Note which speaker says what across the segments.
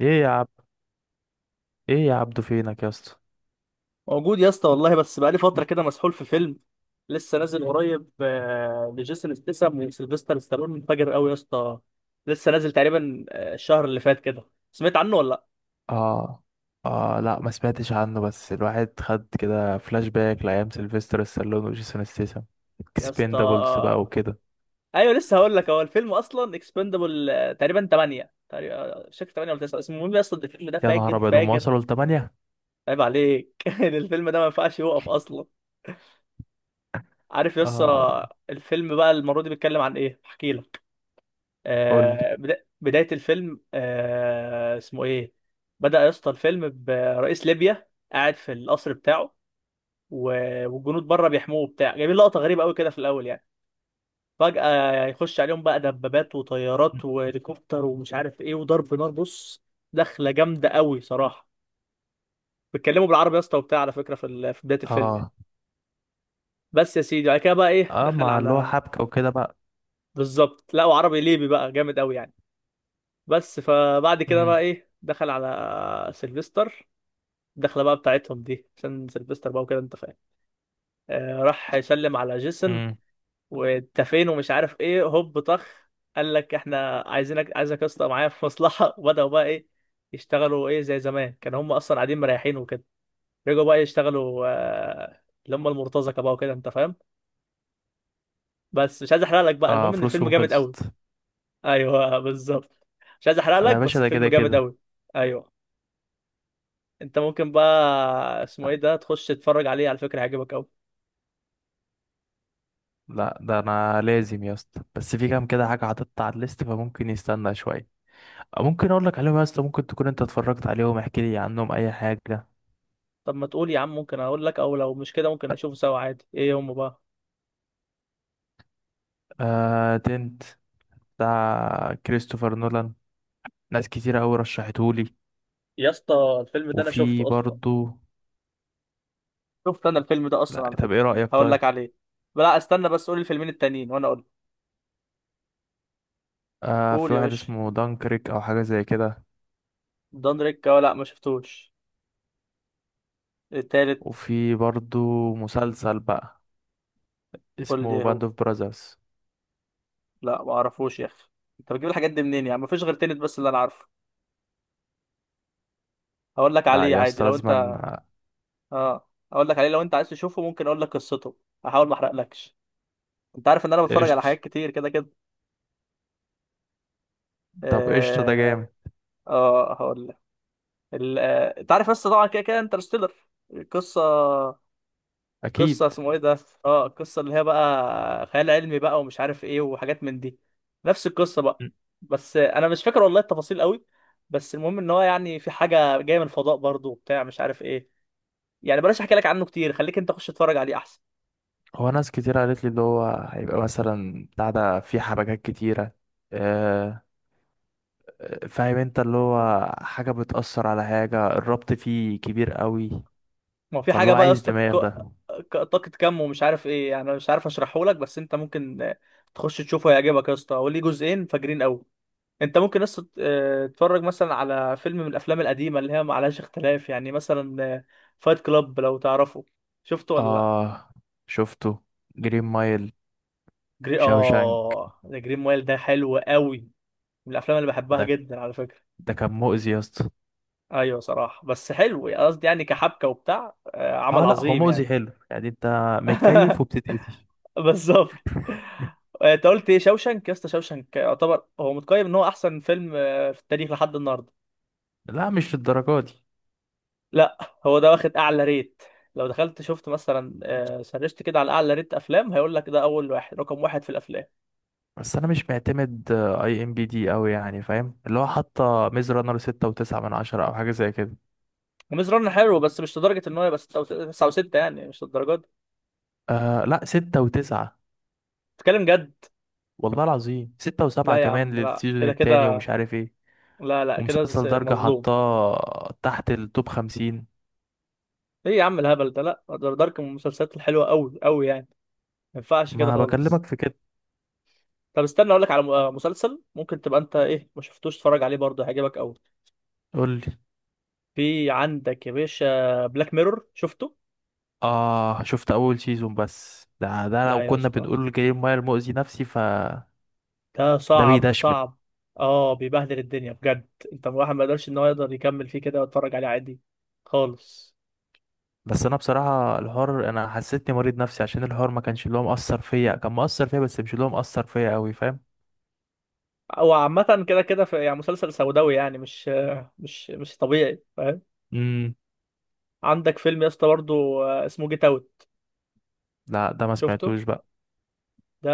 Speaker 1: ايه يا عبد ايه يا عبدو، فينك يا اسطى؟
Speaker 2: موجود يا اسطى والله، بس بقالي فترة كده مسحول في فيلم لسه نازل قريب، لجيسون ستاثام وسيلفستر ستالون، منفجر قوي يا اسطى. لسه نازل تقريبا الشهر اللي فات كده. سمعت عنه ولا لا؟
Speaker 1: اه. اه، لا ما سمعتش عنه، بس الواحد خد كده فلاش باك لايام سيلفستر stallone وجيسون ستيسن،
Speaker 2: يا اسطى
Speaker 1: اكسبندابلز بقى وكده.
Speaker 2: ايوه لسه هقول لك. هو الفيلم اصلا اكسبندبل تقريبا 8، تقريبا شكل 8 ولا 9. المهم يا اسطى الفيلم ده
Speaker 1: يا نهار
Speaker 2: فاجر
Speaker 1: ابيض، هم
Speaker 2: فاجر.
Speaker 1: وصلوا لتمانية؟
Speaker 2: عيب عليك الفيلم ده ما ينفعش يوقف اصلا. عارف يا
Speaker 1: اه.
Speaker 2: اسطى الفيلم بقى المرة دي بيتكلم عن ايه؟ احكي.
Speaker 1: قول لي.
Speaker 2: بداية الفيلم، اسمه ايه. بدأ يا اسطى الفيلم برئيس ليبيا قاعد في القصر بتاعه، والجنود بره بيحموه بتاع جايبين لقطة غريبة قوي كده في الأول يعني. فجأة يخش عليهم بقى دبابات وطيارات وهليكوبتر ومش عارف ايه، وضرب نار. بص، دخلة جامدة قوي صراحة. بيتكلموا بالعربي يا اسطى وبتاع على فكرة في في بداية الفيلم يعني.
Speaker 1: اه.
Speaker 2: بس يا سيدي بعد كده بقى ايه،
Speaker 1: اه،
Speaker 2: دخل
Speaker 1: ما اللي هو
Speaker 2: على،
Speaker 1: حبكة وكده بقى.
Speaker 2: بالظبط، لقوا عربي ليبي بقى جامد قوي يعني. بس فبعد كده بقى
Speaker 1: امم.
Speaker 2: ايه، دخل على سيلفستر. الدخله بقى بتاعتهم دي عشان سيلفستر بقى وكده انت فاهم. آه راح يسلم على جيسون،
Speaker 1: امم.
Speaker 2: وانت فين ومش عارف ايه، هوب طخ. قال لك احنا عايزينك، عايزك يا اسطى معايا في مصلحه وبداوا بقى ايه يشتغلوا، ايه زي زمان. كانوا هم اصلا قاعدين مريحين وكده، رجعوا بقى يشتغلوا آه، اللي هم المرتزقه بقى وكده انت فاهم. بس مش عايز احرق لك بقى،
Speaker 1: اه،
Speaker 2: المهم ان الفيلم
Speaker 1: فلوسهم
Speaker 2: جامد قوي.
Speaker 1: خلصت.
Speaker 2: ايوه بالظبط. مش عايز احرق
Speaker 1: انا
Speaker 2: لك
Speaker 1: يا باشا
Speaker 2: بس
Speaker 1: ده كده
Speaker 2: الفيلم جامد
Speaker 1: كده.
Speaker 2: قوي. ايوه. انت ممكن بقى، اسمه
Speaker 1: لا
Speaker 2: ايه ده، تخش تتفرج عليه على فكره، هيعجبك قوي.
Speaker 1: لا، ده انا لازم يا اسطى، بس في كام كده حاجة حاططها على الليست، فممكن يستنى شوية. ممكن اقول لك عليهم يا اسطى، ممكن تكون انت اتفرجت عليهم، احكي لي عنهم اي حاجه.
Speaker 2: طب ما تقول يا عم، ممكن اقول لك، او لو مش كده ممكن نشوفه سوا عادي. ايه هم بقى؟
Speaker 1: آه، تنت، بتاع كريستوفر نولان، ناس كتيره قوي رشحتهولي.
Speaker 2: يا اسطى الفيلم ده انا
Speaker 1: وفي
Speaker 2: شفته اصلا.
Speaker 1: برضو.
Speaker 2: شفت انا الفيلم ده اصلا
Speaker 1: لا،
Speaker 2: على
Speaker 1: طب
Speaker 2: فكره.
Speaker 1: ايه رايك؟
Speaker 2: هقول لك
Speaker 1: طيب،
Speaker 2: عليه. لا استنى بس، قول الفيلمين التانيين وانا اقول.
Speaker 1: آه،
Speaker 2: قول
Speaker 1: في
Speaker 2: يا
Speaker 1: واحد
Speaker 2: باشا.
Speaker 1: اسمه دانكريك او حاجه زي كده.
Speaker 2: دانريك، اه لا ما شفتوش. التالت؟
Speaker 1: وفي برضو، مسلسل بقى
Speaker 2: قول لي
Speaker 1: اسمه
Speaker 2: إيه
Speaker 1: باند
Speaker 2: هو.
Speaker 1: اوف براذرز.
Speaker 2: لا ما اعرفوش يا اخي، انت بتجيب الحاجات دي منين يعني؟ ما فيش غير تنت بس اللي انا عارفه. هقول لك
Speaker 1: لا
Speaker 2: عليه
Speaker 1: يا
Speaker 2: عادي
Speaker 1: اسطى
Speaker 2: لو
Speaker 1: لازما
Speaker 2: انت،
Speaker 1: آه،
Speaker 2: اه، اقول لك عليه لو انت عايز تشوفه، ممكن اقول لك قصته، هحاول ما احرقلكش. انت عارف ان انا بتفرج على
Speaker 1: قشطه.
Speaker 2: حاجات كتير كده كده.
Speaker 1: طب قشطه، ده
Speaker 2: اه،
Speaker 1: جامد.
Speaker 2: آه هقول لك. انت عارف بس طبعا كده كده انترستيلر، القصه، القصه
Speaker 1: اكيد.
Speaker 2: اسمه ايه ده، اه القصه اللي هي بقى خيال علمي بقى ومش عارف ايه وحاجات من دي. نفس القصه بقى.
Speaker 1: م.
Speaker 2: بس انا مش فاكر والله التفاصيل قوي. بس المهم ان هو يعني في حاجه جايه من الفضاء برضه وبتاع، مش عارف ايه. يعني بلاش احكي لك عنه كتير، خليك انت خش اتفرج عليه احسن.
Speaker 1: هو ناس كتير قالت لي اللي هو هيبقى مثلا بتاع ده، فيه حبكات كتيره آه، فاهم انت اللي هو حاجة بتأثر على حاجة، الربط فيه كبير قوي.
Speaker 2: ما هو في
Speaker 1: فاللي
Speaker 2: حاجه
Speaker 1: هو
Speaker 2: بقى يا
Speaker 1: عايز
Speaker 2: اسطى
Speaker 1: دماغ ده.
Speaker 2: طاقه كم ومش عارف ايه يعني، انا مش عارف اشرحه لك، بس انت ممكن تخش تشوفه، هيعجبك يا اسطى. هو ليه جزئين فاجرين قوي. انت ممكن بس تتفرج مثلا على فيلم من الافلام القديمه اللي هي ما عليهاش اختلاف يعني، مثلا فايت كلاب لو تعرفه. شفته ولا لا؟
Speaker 1: اه، شفته. جرين مايل.
Speaker 2: جري،
Speaker 1: شاوشانك.
Speaker 2: اه ده جرين مايل ده حلو قوي، من الافلام اللي بحبها
Speaker 1: ده
Speaker 2: جدا على فكره.
Speaker 1: ده كان مؤذي يا اسطى.
Speaker 2: ايوه صراحه بس حلو يعني، قصدي يعني كحبكه وبتاع، عمل
Speaker 1: اه لا، هو
Speaker 2: عظيم
Speaker 1: مؤذي
Speaker 2: يعني.
Speaker 1: حلو يعني، انت متكيف وبتتأذي.
Speaker 2: بالظبط. انت قلت ايه، شوشنك؟ يا اسطى شوشنك يعتبر هو متقيم ان هو احسن فيلم في التاريخ لحد النهارده.
Speaker 1: لا، مش للدرجة دي.
Speaker 2: لا، هو ده واخد اعلى ريت. لو دخلت شفت مثلا سرشت كده على اعلى ريت افلام، هيقول لك ده اول واحد، رقم واحد في الافلام.
Speaker 1: بس انا مش معتمد اي ام بي دي قوي يعني، فاهم اللي هو حاطة ميز رانر ستة وتسعة من عشرة او حاجة زي كده.
Speaker 2: وميز رن حلو بس مش لدرجه ان هو يبقى 6 او 6 يعني، مش للدرجه دي.
Speaker 1: آه لا، ستة وتسعة.
Speaker 2: بتتكلم جد؟
Speaker 1: والله العظيم ستة وسبعة
Speaker 2: لا يا
Speaker 1: كمان
Speaker 2: عم، لا
Speaker 1: للسيزون
Speaker 2: كده
Speaker 1: التاني،
Speaker 2: كده.
Speaker 1: ومش عارف ايه.
Speaker 2: لا لا كده
Speaker 1: ومسلسل درجة
Speaker 2: مظلوم.
Speaker 1: حطاه تحت التوب خمسين.
Speaker 2: ايه يا عم الهبل ده، لا دارك من المسلسلات الحلوه قوي قوي يعني، ما ينفعش كده
Speaker 1: ما
Speaker 2: خالص.
Speaker 1: بكلمك في كده.
Speaker 2: طب استنى اقول لك على مسلسل. ممكن تبقى انت ايه ما شفتوش، اتفرج عليه برضه هيعجبك قوي.
Speaker 1: قولي.
Speaker 2: في عندك يا باشا، بلاك ميرور، شفته؟
Speaker 1: اه، شفت اول سيزون، بس ده
Speaker 2: لا
Speaker 1: لو
Speaker 2: يا
Speaker 1: كنا
Speaker 2: اسطى
Speaker 1: بنقول جريم ماير مؤذي نفسي ف.
Speaker 2: ده
Speaker 1: ده
Speaker 2: صعب
Speaker 1: بيدشمل.
Speaker 2: صعب. اه بيبهدل الدنيا بجد، انت الواحد ما يقدرش ان هو يقدر يكمل فيه كده ويتفرج عليه عادي خالص.
Speaker 1: بس انا بصراحة الحوار، انا حسيتني مريض نفسي عشان الحوار ما كانش اللي هو مأثر فيا، كان مأثر فيا بس مش اللي هو مأثر فيا قوي، فاهم.
Speaker 2: هو عامة كده كده في يعني مسلسل سوداوي يعني، مش طبيعي فاهم.
Speaker 1: امم.
Speaker 2: عندك فيلم يا اسطى برضه اسمه جيت اوت،
Speaker 1: لا، ده ما
Speaker 2: شفته؟
Speaker 1: سمعتوش بقى.
Speaker 2: ده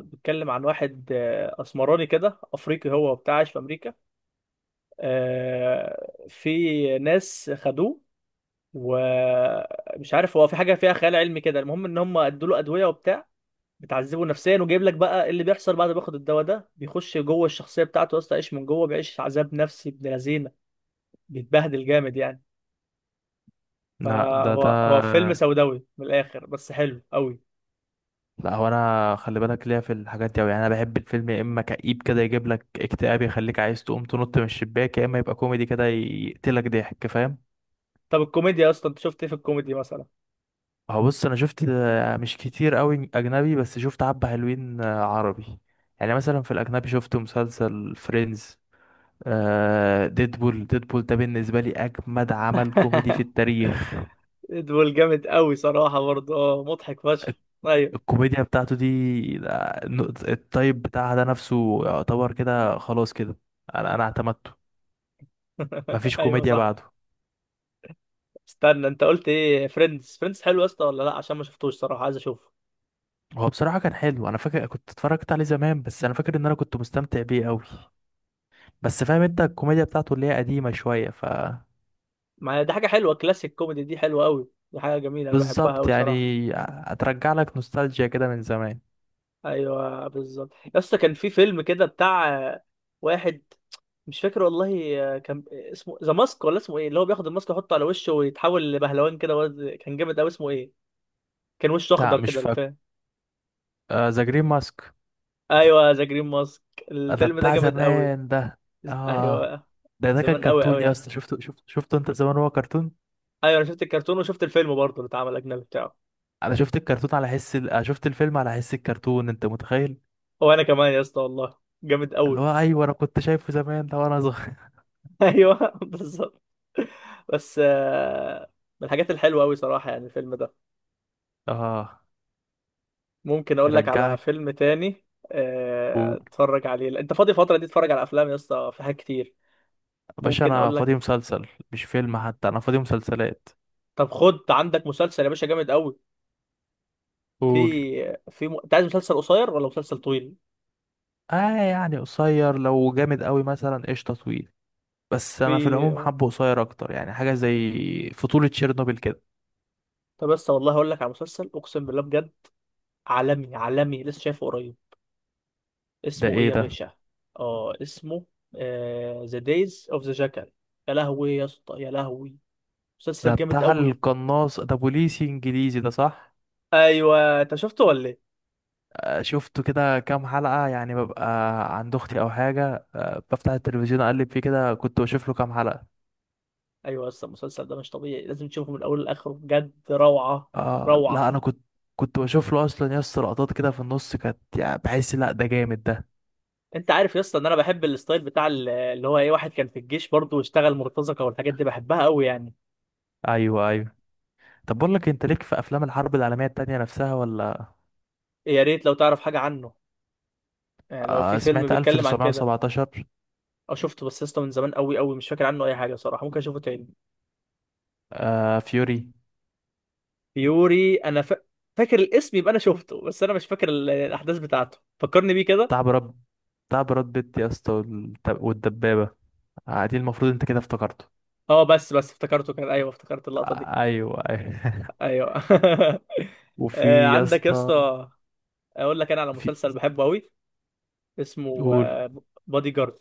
Speaker 2: بيتكلم عن واحد اسمراني كده افريقي هو وبتاع، عايش في امريكا، في ناس خدوه، ومش عارف، هو في حاجة فيها خيال علمي كده، المهم ان هم ادوا له ادوية وبتاع، بتعذبه نفسيا. وجايب لك بقى اللي بيحصل بعد ما بياخد الدواء ده، بيخش جوه الشخصيه بتاعته يا اسطى، يعيش من جوه، بيعيش عذاب نفسي ابن لذينه، بيتبهدل جامد يعني.
Speaker 1: لا، ده.
Speaker 2: فهو هو فيلم سوداوي من الاخر بس حلو قوي.
Speaker 1: لا، هو انا خلي بالك ليا في الحاجات دي أوي يعني، انا بحب الفيلم يا اما كئيب كده يجيب لك اكتئاب يخليك عايز تقوم تنط من الشباك، يا اما يبقى كوميدي كده يقتلك ضحك، فاهم.
Speaker 2: طب الكوميديا يا اسطى، انت شفت ايه في الكوميدي مثلا؟
Speaker 1: هو بص، انا شفت مش كتير قوي اجنبي، بس شفت حبة حلوين عربي. يعني مثلا في الاجنبي شفت مسلسل فريندز. آه، ديدبول، ديدبول ده بالنسبة لي أجمد عمل كوميدي في التاريخ.
Speaker 2: دول جامد قوي صراحه برضه، اه مضحك فشخ. ايوه.
Speaker 1: الكوميديا بتاعته دي الطيب بتاعها ده نفسه يعتبر كده، خلاص كده. أنا اعتمدته. مفيش
Speaker 2: ايوه
Speaker 1: كوميديا
Speaker 2: صح.
Speaker 1: بعده.
Speaker 2: استنى انت قلت ايه، فريندز؟ فريندز حلو يا اسطى ولا لا؟ عشان ما شفتوش صراحه، عايز اشوفه.
Speaker 1: هو بصراحة كان حلو، أنا فاكر كنت اتفرجت عليه زمان، بس أنا فاكر إن أنا كنت مستمتع بيه أوي. بس فاهم أنت الكوميديا بتاعته اللي هي قديمة شوية ف.
Speaker 2: ما هي دي حاجه حلوه، كلاسيك كوميدي دي حلوه قوي، دي حاجه جميله انا بحبها
Speaker 1: بالظبط
Speaker 2: قوي صراحه.
Speaker 1: يعني. هترجع لك نوستالجيا كده من زمان.
Speaker 2: ايوه بالظبط يا اسطى. كان في فيلم كده بتاع واحد، مش فاكر والله كان اسمه ذا ماسك ولا اسمه ايه، اللي هو بياخد الماسك يحطه على وشه ويتحول لبهلوان كده كان جامد قوي. اسمه ايه؟ كان وشه
Speaker 1: لا
Speaker 2: اخضر
Speaker 1: مش
Speaker 2: كده
Speaker 1: فاكر.
Speaker 2: الفيلم.
Speaker 1: ذا جرين ماسك.
Speaker 2: ايوه ذا جرين ماسك.
Speaker 1: ده
Speaker 2: الفيلم ده
Speaker 1: بتاع
Speaker 2: جامد قوي.
Speaker 1: زمان ده. آه.
Speaker 2: ايوه،
Speaker 1: ده كان
Speaker 2: زمان قوي قوي
Speaker 1: كرتون يا
Speaker 2: يعني.
Speaker 1: اسطى، شفته شفته شفته أنت زمان، هو كرتون.
Speaker 2: ايوه انا شفت الكرتون وشفت الفيلم برضه اللي اتعمل اجنبي بتاعه.
Speaker 1: أنا شفت الكرتون على حس أنا شفت الفيلم على حس الكرتون، أنت متخيل.
Speaker 2: هو انا كمان يا اسطى والله، جامد
Speaker 1: اللي
Speaker 2: قوي.
Speaker 1: هو أيوه، أنا كنت شايفه زمان ده وأنا صغير.
Speaker 2: ايوه بالظبط. بس من الحاجات الحلوه قوي صراحه يعني الفيلم ده.
Speaker 1: آه.
Speaker 2: ممكن اقول لك على
Speaker 1: يرجعك.
Speaker 2: فيلم تاني؟ اتفرج عليه. لا، انت فاضي الفتره دي، اتفرج على افلام يا اسطى، في حاجات كتير.
Speaker 1: باشا،
Speaker 2: ممكن
Speaker 1: انا
Speaker 2: اقول لك.
Speaker 1: فاضي مسلسل مش فيلم حتى، انا فاضي مسلسلات.
Speaker 2: طب خد عندك مسلسل يا باشا جامد قوي.
Speaker 1: قول.
Speaker 2: في في م... انت عايز مسلسل قصير ولا مسلسل طويل؟
Speaker 1: اه يعني قصير، لو جامد قوي مثلا قشطه طويل، بس انا في العموم
Speaker 2: في.
Speaker 1: حبه قصير اكتر، يعني حاجه زي فطولة تشيرنوبل كده.
Speaker 2: طب بس والله هقول لك على مسلسل، اقسم بالله بجد، عالمي عالمي، لسه شايفه قريب.
Speaker 1: ده
Speaker 2: اسمه ايه
Speaker 1: ايه
Speaker 2: يا
Speaker 1: ده؟
Speaker 2: باشا؟ اه اسمه ذا دايز اوف ذا جاكال. يا لهوي يا اسطى يا لهوي،
Speaker 1: ده
Speaker 2: مسلسل جامد
Speaker 1: بتاع
Speaker 2: قوي.
Speaker 1: القناص، ده بوليسي انجليزي، ده صح.
Speaker 2: ايوه انت شفته ولا ايه؟
Speaker 1: شفته كده كام حلقه، يعني ببقى عند اختي او حاجه، بفتح التلفزيون اقلب فيه كده، كنت بشوف له كام حلقه.
Speaker 2: ايوه يا اسطى المسلسل ده مش طبيعي، لازم تشوفه من اوله لاخره، بجد روعه.
Speaker 1: آه لا،
Speaker 2: روعه.
Speaker 1: انا كنت بشوف له اصلا يس لقطات كده في النص، كانت يعني بحس لا ده جامد ده.
Speaker 2: انت عارف يا اسطى ان انا بحب الستايل بتاع اللي هو ايه، واحد كان في الجيش برضه واشتغل مرتزقه، والحاجات دي بحبها قوي يعني.
Speaker 1: ايوه، ايوه. طب بقول لك، انت ليك في افلام الحرب العالميه التانية نفسها ولا؟
Speaker 2: يا ريت لو تعرف حاجه عنه، يعني لو في
Speaker 1: آه،
Speaker 2: فيلم
Speaker 1: سمعت
Speaker 2: بيتكلم عن كده،
Speaker 1: 1917.
Speaker 2: او شفته بس يا اسطى من زمان قوي قوي، مش فاكر عنه اي حاجه صراحه، ممكن اشوفه تاني.
Speaker 1: آه، فيوري.
Speaker 2: يوري انا ف... فاكر الاسم، يبقى انا شفته، بس انا مش فاكر الاحداث بتاعته. فكرني بيه كده.
Speaker 1: بتاع براد بتاع براد بيت يا اسطى، والدبابه. آه دي المفروض انت كده افتكرته.
Speaker 2: اه بس افتكرته، كان ايوه افتكرت اللقطه دي.
Speaker 1: آه ايوه، ايوه.
Speaker 2: ايوه.
Speaker 1: وفي يا
Speaker 2: عندك يا
Speaker 1: اسطى.
Speaker 2: اسطى، اقول لك انا على
Speaker 1: في.
Speaker 2: مسلسل بحبه قوي، اسمه
Speaker 1: قول.
Speaker 2: بادي جارد.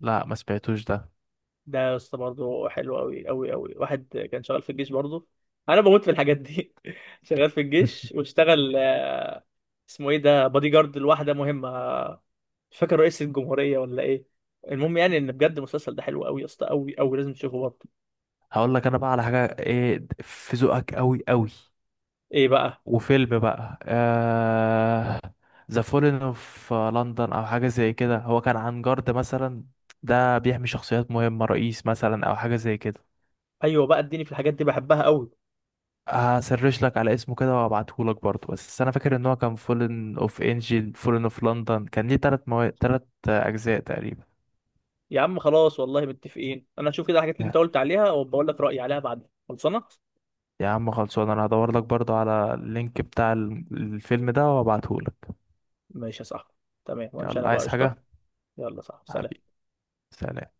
Speaker 1: لا ما سمعتوش ده.
Speaker 2: ده يا اسطى برضه حلو قوي قوي قوي، واحد كان شغال في الجيش برضه. انا بموت في الحاجات دي شغال في الجيش واشتغل اسمه ايه ده، بادي جارد لواحده مهمه، مش فاكر رئيس الجمهوريه ولا ايه. المهم يعني ان بجد المسلسل ده حلو قوي يا اسطى، قوي قوي، لازم تشوفه برضه.
Speaker 1: هقول لك انا بقى على حاجه ايه في ذوقك قوي قوي،
Speaker 2: ايه بقى؟
Speaker 1: وفيلم بقى. ذا فولن اوف لندن او حاجه زي كده، هو كان عن جارد مثلا، ده بيحمي شخصيات مهمه، رئيس مثلا او حاجه زي كده.
Speaker 2: ايوه بقى، اديني في الحاجات دي بحبها قوي.
Speaker 1: هسرش لك على اسمه كده وابعتهولك برضه، بس انا فاكر ان هو كان فولن اوف انجل، فولن اوف لندن، كان ليه تلات تلات اجزاء تقريبا.
Speaker 2: يا عم خلاص والله متفقين، انا هشوف كده الحاجات اللي انت
Speaker 1: يا
Speaker 2: قلت عليها وبقول لك رايي عليها بعد خلصانه.
Speaker 1: يا عم خلصان، انا هدور لك برضه على اللينك بتاع الفيلم ده وابعتهولك.
Speaker 2: ماشي يا صاحبي. تمام، وامشي انا
Speaker 1: يلا،
Speaker 2: بقى
Speaker 1: عايز حاجه؟
Speaker 2: قشطه. يلا صاحبي سلام.
Speaker 1: حبيبي، سلام.